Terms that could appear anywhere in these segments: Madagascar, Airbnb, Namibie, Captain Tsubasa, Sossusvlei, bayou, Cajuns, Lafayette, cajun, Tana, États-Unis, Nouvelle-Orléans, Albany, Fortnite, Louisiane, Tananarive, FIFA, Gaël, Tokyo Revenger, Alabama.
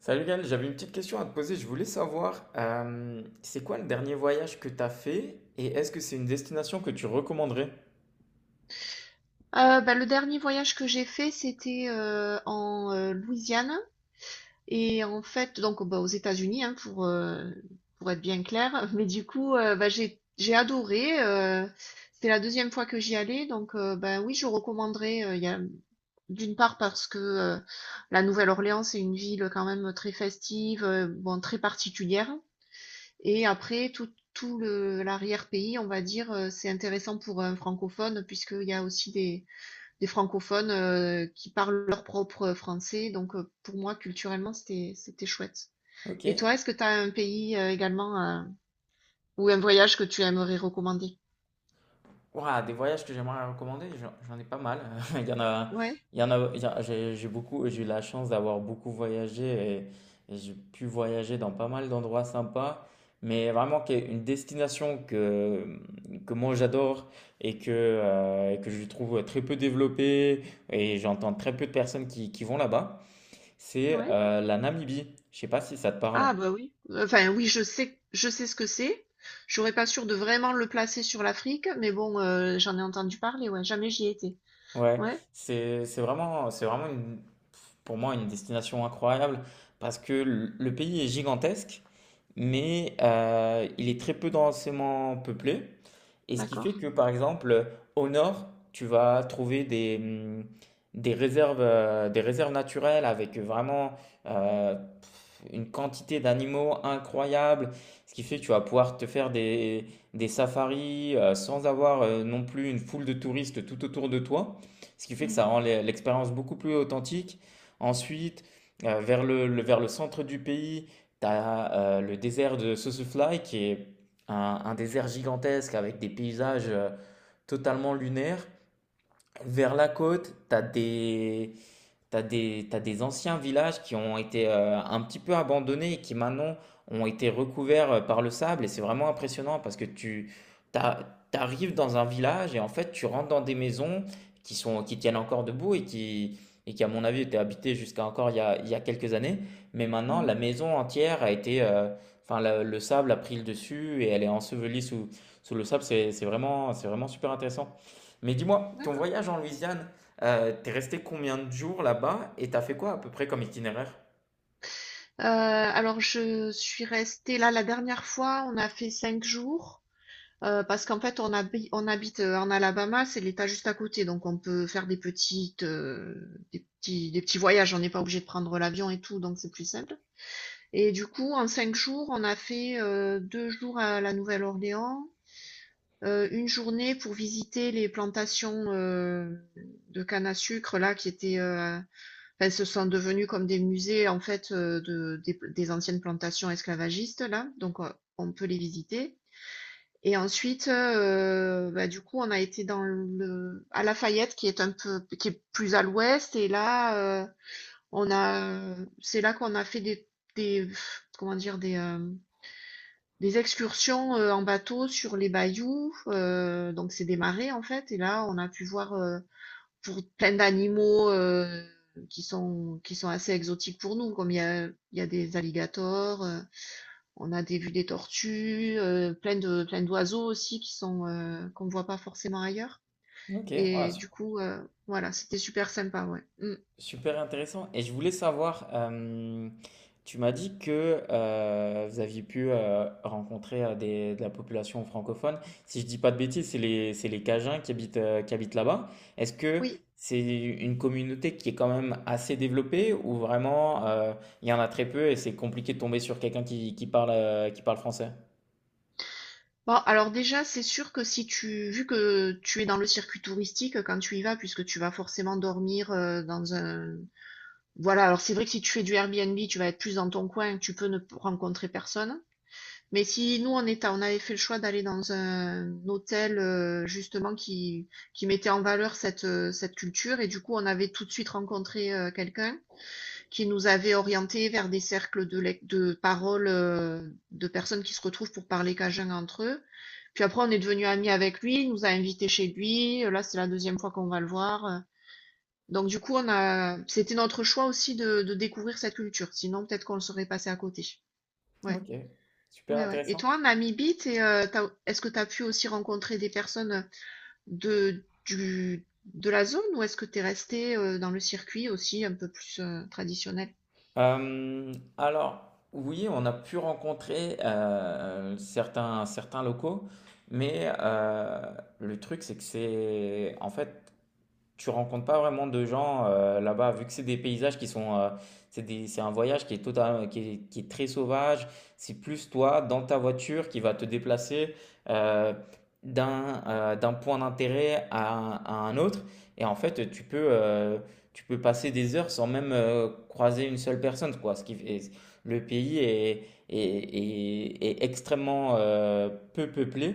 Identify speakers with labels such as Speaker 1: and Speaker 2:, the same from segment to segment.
Speaker 1: Salut Gaël, j'avais une petite question à te poser. Je voulais savoir, c'est quoi le dernier voyage que tu as fait et est-ce que c'est une destination que tu recommanderais?
Speaker 2: Bah, le dernier voyage que j'ai fait, c'était en Louisiane et en fait, donc bah, aux États-Unis, hein, pour être bien clair. Mais du coup, bah, j'ai adoré. C'était la deuxième fois que j'y allais, donc ben oui, je recommanderais. Il y a d'une part parce que la Nouvelle-Orléans, c'est une ville quand même très festive, bon très particulière. Et après, tout le l'arrière-pays, on va dire, c'est intéressant pour un francophone puisqu'il y a aussi des francophones qui parlent leur propre français. Donc, pour moi, culturellement, c'était chouette. Et
Speaker 1: Ok.
Speaker 2: toi, est-ce que tu as un pays également ou un voyage que tu aimerais recommander?
Speaker 1: Ouah, des voyages que j'aimerais recommander, j'en ai pas mal. Il y en a,
Speaker 2: Ouais,
Speaker 1: il y en a, j'ai beaucoup, j'ai eu la chance d'avoir beaucoup voyagé et j'ai pu voyager dans pas mal d'endroits sympas. Mais vraiment, qui est une destination que moi j'adore et que je trouve très peu développée et j'entends très peu de personnes qui vont là-bas. C'est
Speaker 2: ouais.
Speaker 1: la Namibie. Je sais pas si ça te parle.
Speaker 2: Ah, bah oui. Enfin, oui, je sais ce que c'est. Je serais pas sûre de vraiment le placer sur l'Afrique, mais bon, j'en ai entendu parler, ouais, jamais j'y ai été.
Speaker 1: Ouais,
Speaker 2: Ouais,
Speaker 1: c'est vraiment pour moi une destination incroyable parce que le pays est gigantesque, mais il est très peu densément peuplé. Et ce qui fait
Speaker 2: d'accord.
Speaker 1: que, par exemple, au nord, tu vas trouver des réserves naturelles avec vraiment une quantité d'animaux incroyable. Ce qui fait que tu vas pouvoir te faire des safaris sans avoir non plus une foule de touristes tout autour de toi. Ce qui fait que ça
Speaker 2: Mhm,
Speaker 1: rend l'expérience beaucoup plus authentique. Ensuite, vers le, vers le centre du pays, tu as le désert de Sossusvlei qui est un désert gigantesque avec des paysages totalement lunaires. Vers la côte, tu as des, t'as des, t'as des anciens villages qui ont été un petit peu abandonnés et qui maintenant ont été recouverts par le sable. Et c'est vraiment impressionnant parce que tu t'a- t'arrives dans un village et en fait tu rentres dans des maisons qui sont, qui tiennent encore debout et qui à mon avis étaient habitées jusqu'à encore il y a quelques années. Mais maintenant
Speaker 2: mhm,
Speaker 1: la maison entière a été, enfin le sable a pris le dessus et elle est ensevelie sous, sous le sable. C'est vraiment super intéressant. Mais dis-moi, ton
Speaker 2: d'accord.
Speaker 1: voyage en Louisiane, t'es resté combien de jours là-bas et t'as fait quoi à peu près comme itinéraire?
Speaker 2: Alors, je suis restée là la dernière fois, on a fait 5 jours. Parce qu'en fait, on habite en Alabama, c'est l'État juste à côté, donc on peut faire des petits voyages. On n'est pas obligé de prendre l'avion et tout, donc c'est plus simple. Et du coup, en 5 jours, on a fait 2 jours à la Nouvelle-Orléans, une journée pour visiter les plantations de canne à sucre là qui étaient, enfin, se sont devenues comme des musées en fait des anciennes plantations esclavagistes là, donc on peut les visiter. Et ensuite, bah, du coup, on a été dans le à Lafayette qui est plus à l'ouest et là, on a, c'est là qu'on a fait des comment dire? Des excursions, en bateau sur les bayous, donc c'est des marais, en fait et là, on a pu voir, pour plein d'animaux, qui sont assez exotiques pour nous, comme il y a des alligators, on a des vues des tortues, plein d'oiseaux aussi qui sont qu'on voit pas forcément ailleurs.
Speaker 1: Ok,
Speaker 2: Et du coup, voilà, c'était super sympa, ouais. Mm.
Speaker 1: super intéressant. Et je voulais savoir, tu m'as dit que vous aviez pu rencontrer de la population francophone. Si je dis pas de bêtises, c'est les Cajuns qui habitent là-bas. Est-ce que
Speaker 2: Oui.
Speaker 1: c'est une communauté qui est quand même assez développée ou vraiment il y en a très peu et c'est compliqué de tomber sur quelqu'un qui parle français?
Speaker 2: Bon, alors déjà, c'est sûr que si tu, vu que tu es dans le circuit touristique quand tu y vas, puisque tu vas forcément dormir dans un, voilà. Alors c'est vrai que si tu fais du Airbnb, tu vas être plus dans ton coin, tu peux ne rencontrer personne. Mais si nous on était, on avait fait le choix d'aller dans un hôtel justement qui mettait en valeur cette culture et du coup on avait tout de suite rencontré quelqu'un qui nous avait orienté vers des cercles de paroles de personnes qui se retrouvent pour parler cajun entre eux. Puis après on est devenu amis avec lui, il nous a invités chez lui, là c'est la deuxième fois qu'on va le voir. Donc du coup on a c'était notre choix aussi de découvrir cette culture, sinon peut-être qu'on le serait passé à côté. Ouais.
Speaker 1: Ok, super
Speaker 2: Ouais, ouais. Et
Speaker 1: intéressant.
Speaker 2: toi, en Namibie, est-ce que tu as pu aussi rencontrer des personnes de la zone ou est-ce que tu es resté dans le circuit aussi un peu plus traditionnel?
Speaker 1: Alors, oui, on a pu rencontrer certains, certains locaux, mais le truc, c'est que c'est en fait tu rencontres pas vraiment de gens là-bas, vu que c'est des paysages qui sont, c'est un voyage qui est total, qui est très sauvage. C'est plus toi dans ta voiture qui va te déplacer euh, d'un d'un point d'intérêt à un autre. Et en fait, tu peux passer des heures sans même croiser une seule personne, quoi. Le pays est, est, est extrêmement peu peuplé,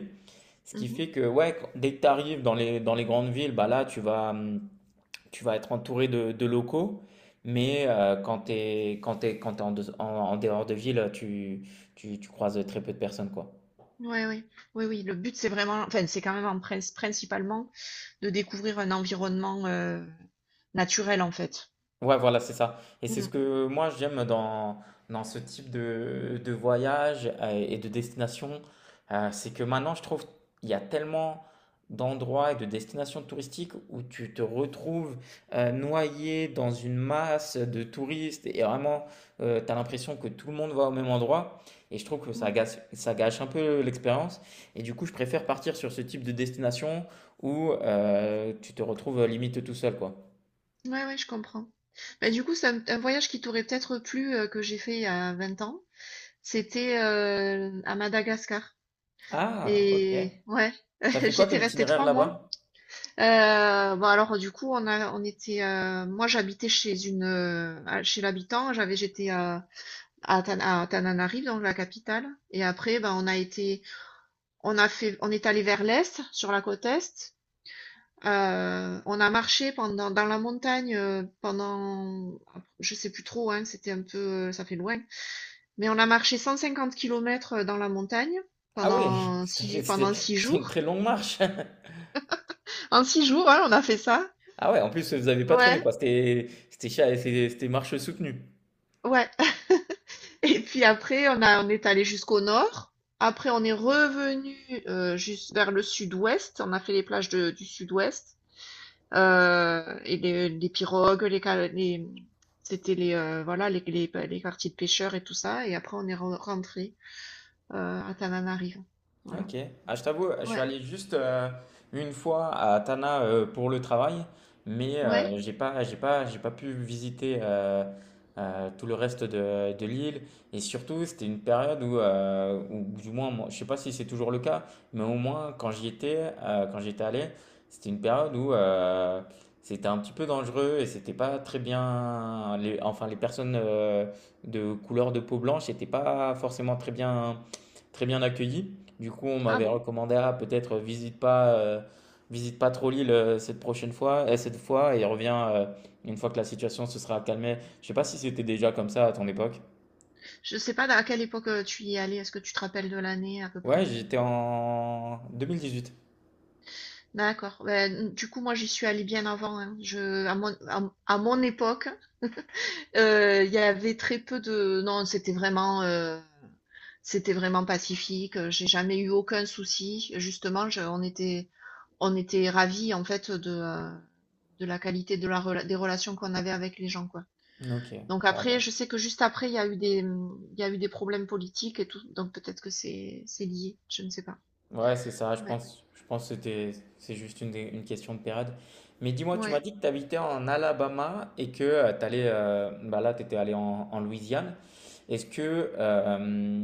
Speaker 1: ce qui
Speaker 2: Mhm.
Speaker 1: fait que ouais, dès que tu arrives dans les grandes villes, bah là, tu vas être entouré de locaux, mais quand tu es, quand t'es en, en dehors de ville, tu croises très peu de personnes, quoi.
Speaker 2: Ouais, ouais. Oui, oui. Le but, c'est vraiment, enfin, c'est quand même principalement de découvrir un environnement naturel, en fait.
Speaker 1: Ouais, voilà, c'est ça. Et c'est
Speaker 2: Mm,
Speaker 1: ce que moi j'aime dans, dans ce type de voyage et de destination. C'est que maintenant, je trouve il y a tellement d'endroits et de destinations touristiques où tu te retrouves noyé dans une masse de touristes et vraiment, tu as l'impression que tout le monde va au même endroit. Et je trouve que
Speaker 2: mm.
Speaker 1: ça gâche un peu l'expérience. Et du coup, je préfère partir sur ce type de destination où tu te retrouves limite tout seul, quoi.
Speaker 2: Ouais, ouais, je comprends. Bah, du coup, c'est un voyage qui t'aurait peut-être plu que j'ai fait il y a 20 ans. C'était à Madagascar.
Speaker 1: Ah, ok.
Speaker 2: Et ouais,
Speaker 1: T'as fait quoi
Speaker 2: j'étais
Speaker 1: comme
Speaker 2: restée
Speaker 1: itinéraire
Speaker 2: 3 mois.
Speaker 1: là-bas?
Speaker 2: Bah, alors du coup, on était, moi j'habitais à chez l'habitant, j'étais à Tananarive, donc la capitale et après, ben on a fait on est allé vers l'est, sur la côte est. On a marché pendant dans la montagne, pendant je sais plus trop, hein, c'était un peu, ça fait loin, mais on a marché 150 kilomètres, dans la montagne
Speaker 1: Ah oui,
Speaker 2: pendant six,
Speaker 1: c'était
Speaker 2: pendant six
Speaker 1: c'était une
Speaker 2: jours.
Speaker 1: très longue marche.
Speaker 2: En six jours, hein, on a fait ça.
Speaker 1: Ah ouais, en plus vous avez pas traîné
Speaker 2: Ouais.
Speaker 1: quoi, c'était c'était c'était marche soutenue.
Speaker 2: Ouais. Et puis après, on est allé jusqu'au nord. Après, on est revenu juste vers le sud-ouest. On a fait les plages du sud-ouest et les pirogues, c'était les voilà les quartiers de pêcheurs et tout ça. Et après, on est rentré à Tananarive. Voilà.
Speaker 1: Ok. Ah, je t'avoue, je suis
Speaker 2: Ouais,
Speaker 1: allé juste une fois à Tana pour le travail, mais
Speaker 2: ouais.
Speaker 1: j'ai pas pu visiter tout le reste de l'île. Et surtout, c'était une période où, où, du moins, moi, je sais pas si c'est toujours le cas, mais au moins quand j'y étais, quand j'étais allé, c'était une période où c'était un petit peu dangereux et c'était pas très bien. Les, enfin, les personnes de couleur de peau blanche n'étaient pas forcément très bien accueillies. Du coup, on
Speaker 2: Ah
Speaker 1: m'avait
Speaker 2: bon.
Speaker 1: recommandé à peut-être visite pas trop l'île cette prochaine fois, et cette fois, et reviens une fois que la situation se sera calmée. Je sais pas si c'était déjà comme ça à ton époque.
Speaker 2: Je sais pas à quelle époque tu y es allé. Est-ce que tu te rappelles de l'année à peu
Speaker 1: Ouais,
Speaker 2: près?
Speaker 1: j'étais en 2018.
Speaker 2: D'accord. Ben, du coup, moi, j'y suis allée bien avant, hein. Je, à mon époque, il y avait très peu de. Non, c'était vraiment pacifique. J'ai jamais eu aucun souci. Justement, on était ravis en fait de la qualité des relations qu'on avait avec les gens, quoi.
Speaker 1: Ok,
Speaker 2: Donc
Speaker 1: bon,
Speaker 2: après,
Speaker 1: bah.
Speaker 2: je sais que juste après, il y a eu des problèmes politiques et tout. Donc peut-être que c'est lié. Je ne sais pas.
Speaker 1: Ouais, c'est ça.
Speaker 2: Ouais.
Speaker 1: Je pense que c'était, c'est juste une, une question de période. Mais dis-moi, tu
Speaker 2: Ouais.
Speaker 1: m'as dit que tu habitais en Alabama et que tu allais, bah là, tu étais allé en, en Louisiane. Est-ce que,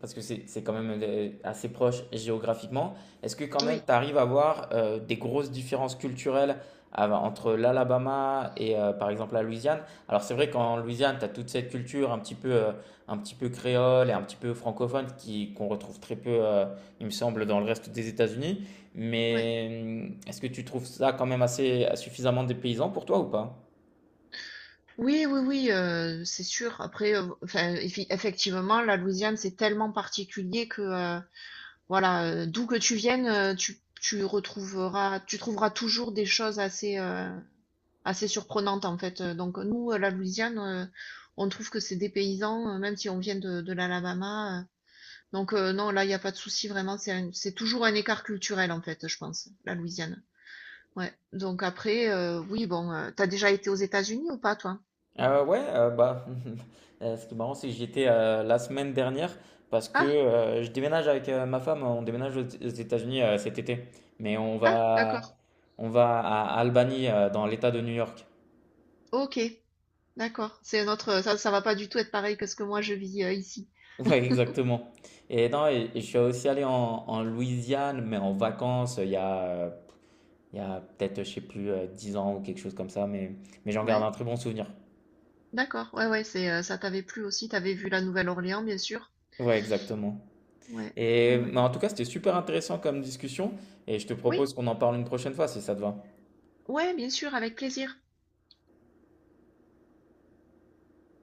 Speaker 1: parce que c'est quand même assez proche géographiquement, est-ce que quand même
Speaker 2: Oui.
Speaker 1: tu arrives à voir des grosses différences culturelles entre l'Alabama et par exemple la Louisiane? Alors c'est vrai qu'en Louisiane, tu as toute cette culture un petit peu créole et un petit peu francophone qui, qu'on retrouve très peu, il me semble, dans le reste des États-Unis.
Speaker 2: Ouais.
Speaker 1: Mais est-ce que tu trouves ça quand même assez suffisamment dépaysant pour toi ou pas?
Speaker 2: Oui, oui, oui, c'est sûr. Après, enfin, effi effectivement, la Louisiane, c'est tellement particulier que, voilà, d'où que tu viennes, tu trouveras toujours des choses assez, assez surprenantes, en fait, donc nous, la Louisiane, on trouve que c'est dépaysant, même si on vient de l'Alabama, donc non, là, il y a pas de souci, vraiment, c'est toujours un écart culturel, en fait, je pense, la Louisiane. Ouais, donc après, oui, bon, tu déjà été aux États-Unis ou pas, toi?
Speaker 1: Ouais, bah, ce qui est marrant, c'est que j'y étais la semaine dernière parce que
Speaker 2: Ah!
Speaker 1: je déménage avec ma femme, on déménage aux États-Unis cet été. Mais
Speaker 2: Ah! D'accord.
Speaker 1: on va à Albany, dans l'État de New York.
Speaker 2: Ok, d'accord. C'est notre, ça va pas du tout être pareil que ce que moi je vis ici.
Speaker 1: Ouais, exactement. Et non, et je suis aussi allé en, en Louisiane, mais en vacances, il y a peut-être, je sais plus, 10 ans ou quelque chose comme ça, mais j'en garde
Speaker 2: Ouais,
Speaker 1: un très bon souvenir.
Speaker 2: d'accord. Ouais, ouais, c'est, ça t'avait plu aussi. T'avais vu la Nouvelle-Orléans, bien sûr.
Speaker 1: Ouais, exactement.
Speaker 2: Ouais, ouais,
Speaker 1: Et
Speaker 2: ouais.
Speaker 1: mais en tout cas, c'était super intéressant comme discussion et je te
Speaker 2: Oui,
Speaker 1: propose qu'on en parle une prochaine fois si ça te va.
Speaker 2: ouais, bien sûr, avec plaisir.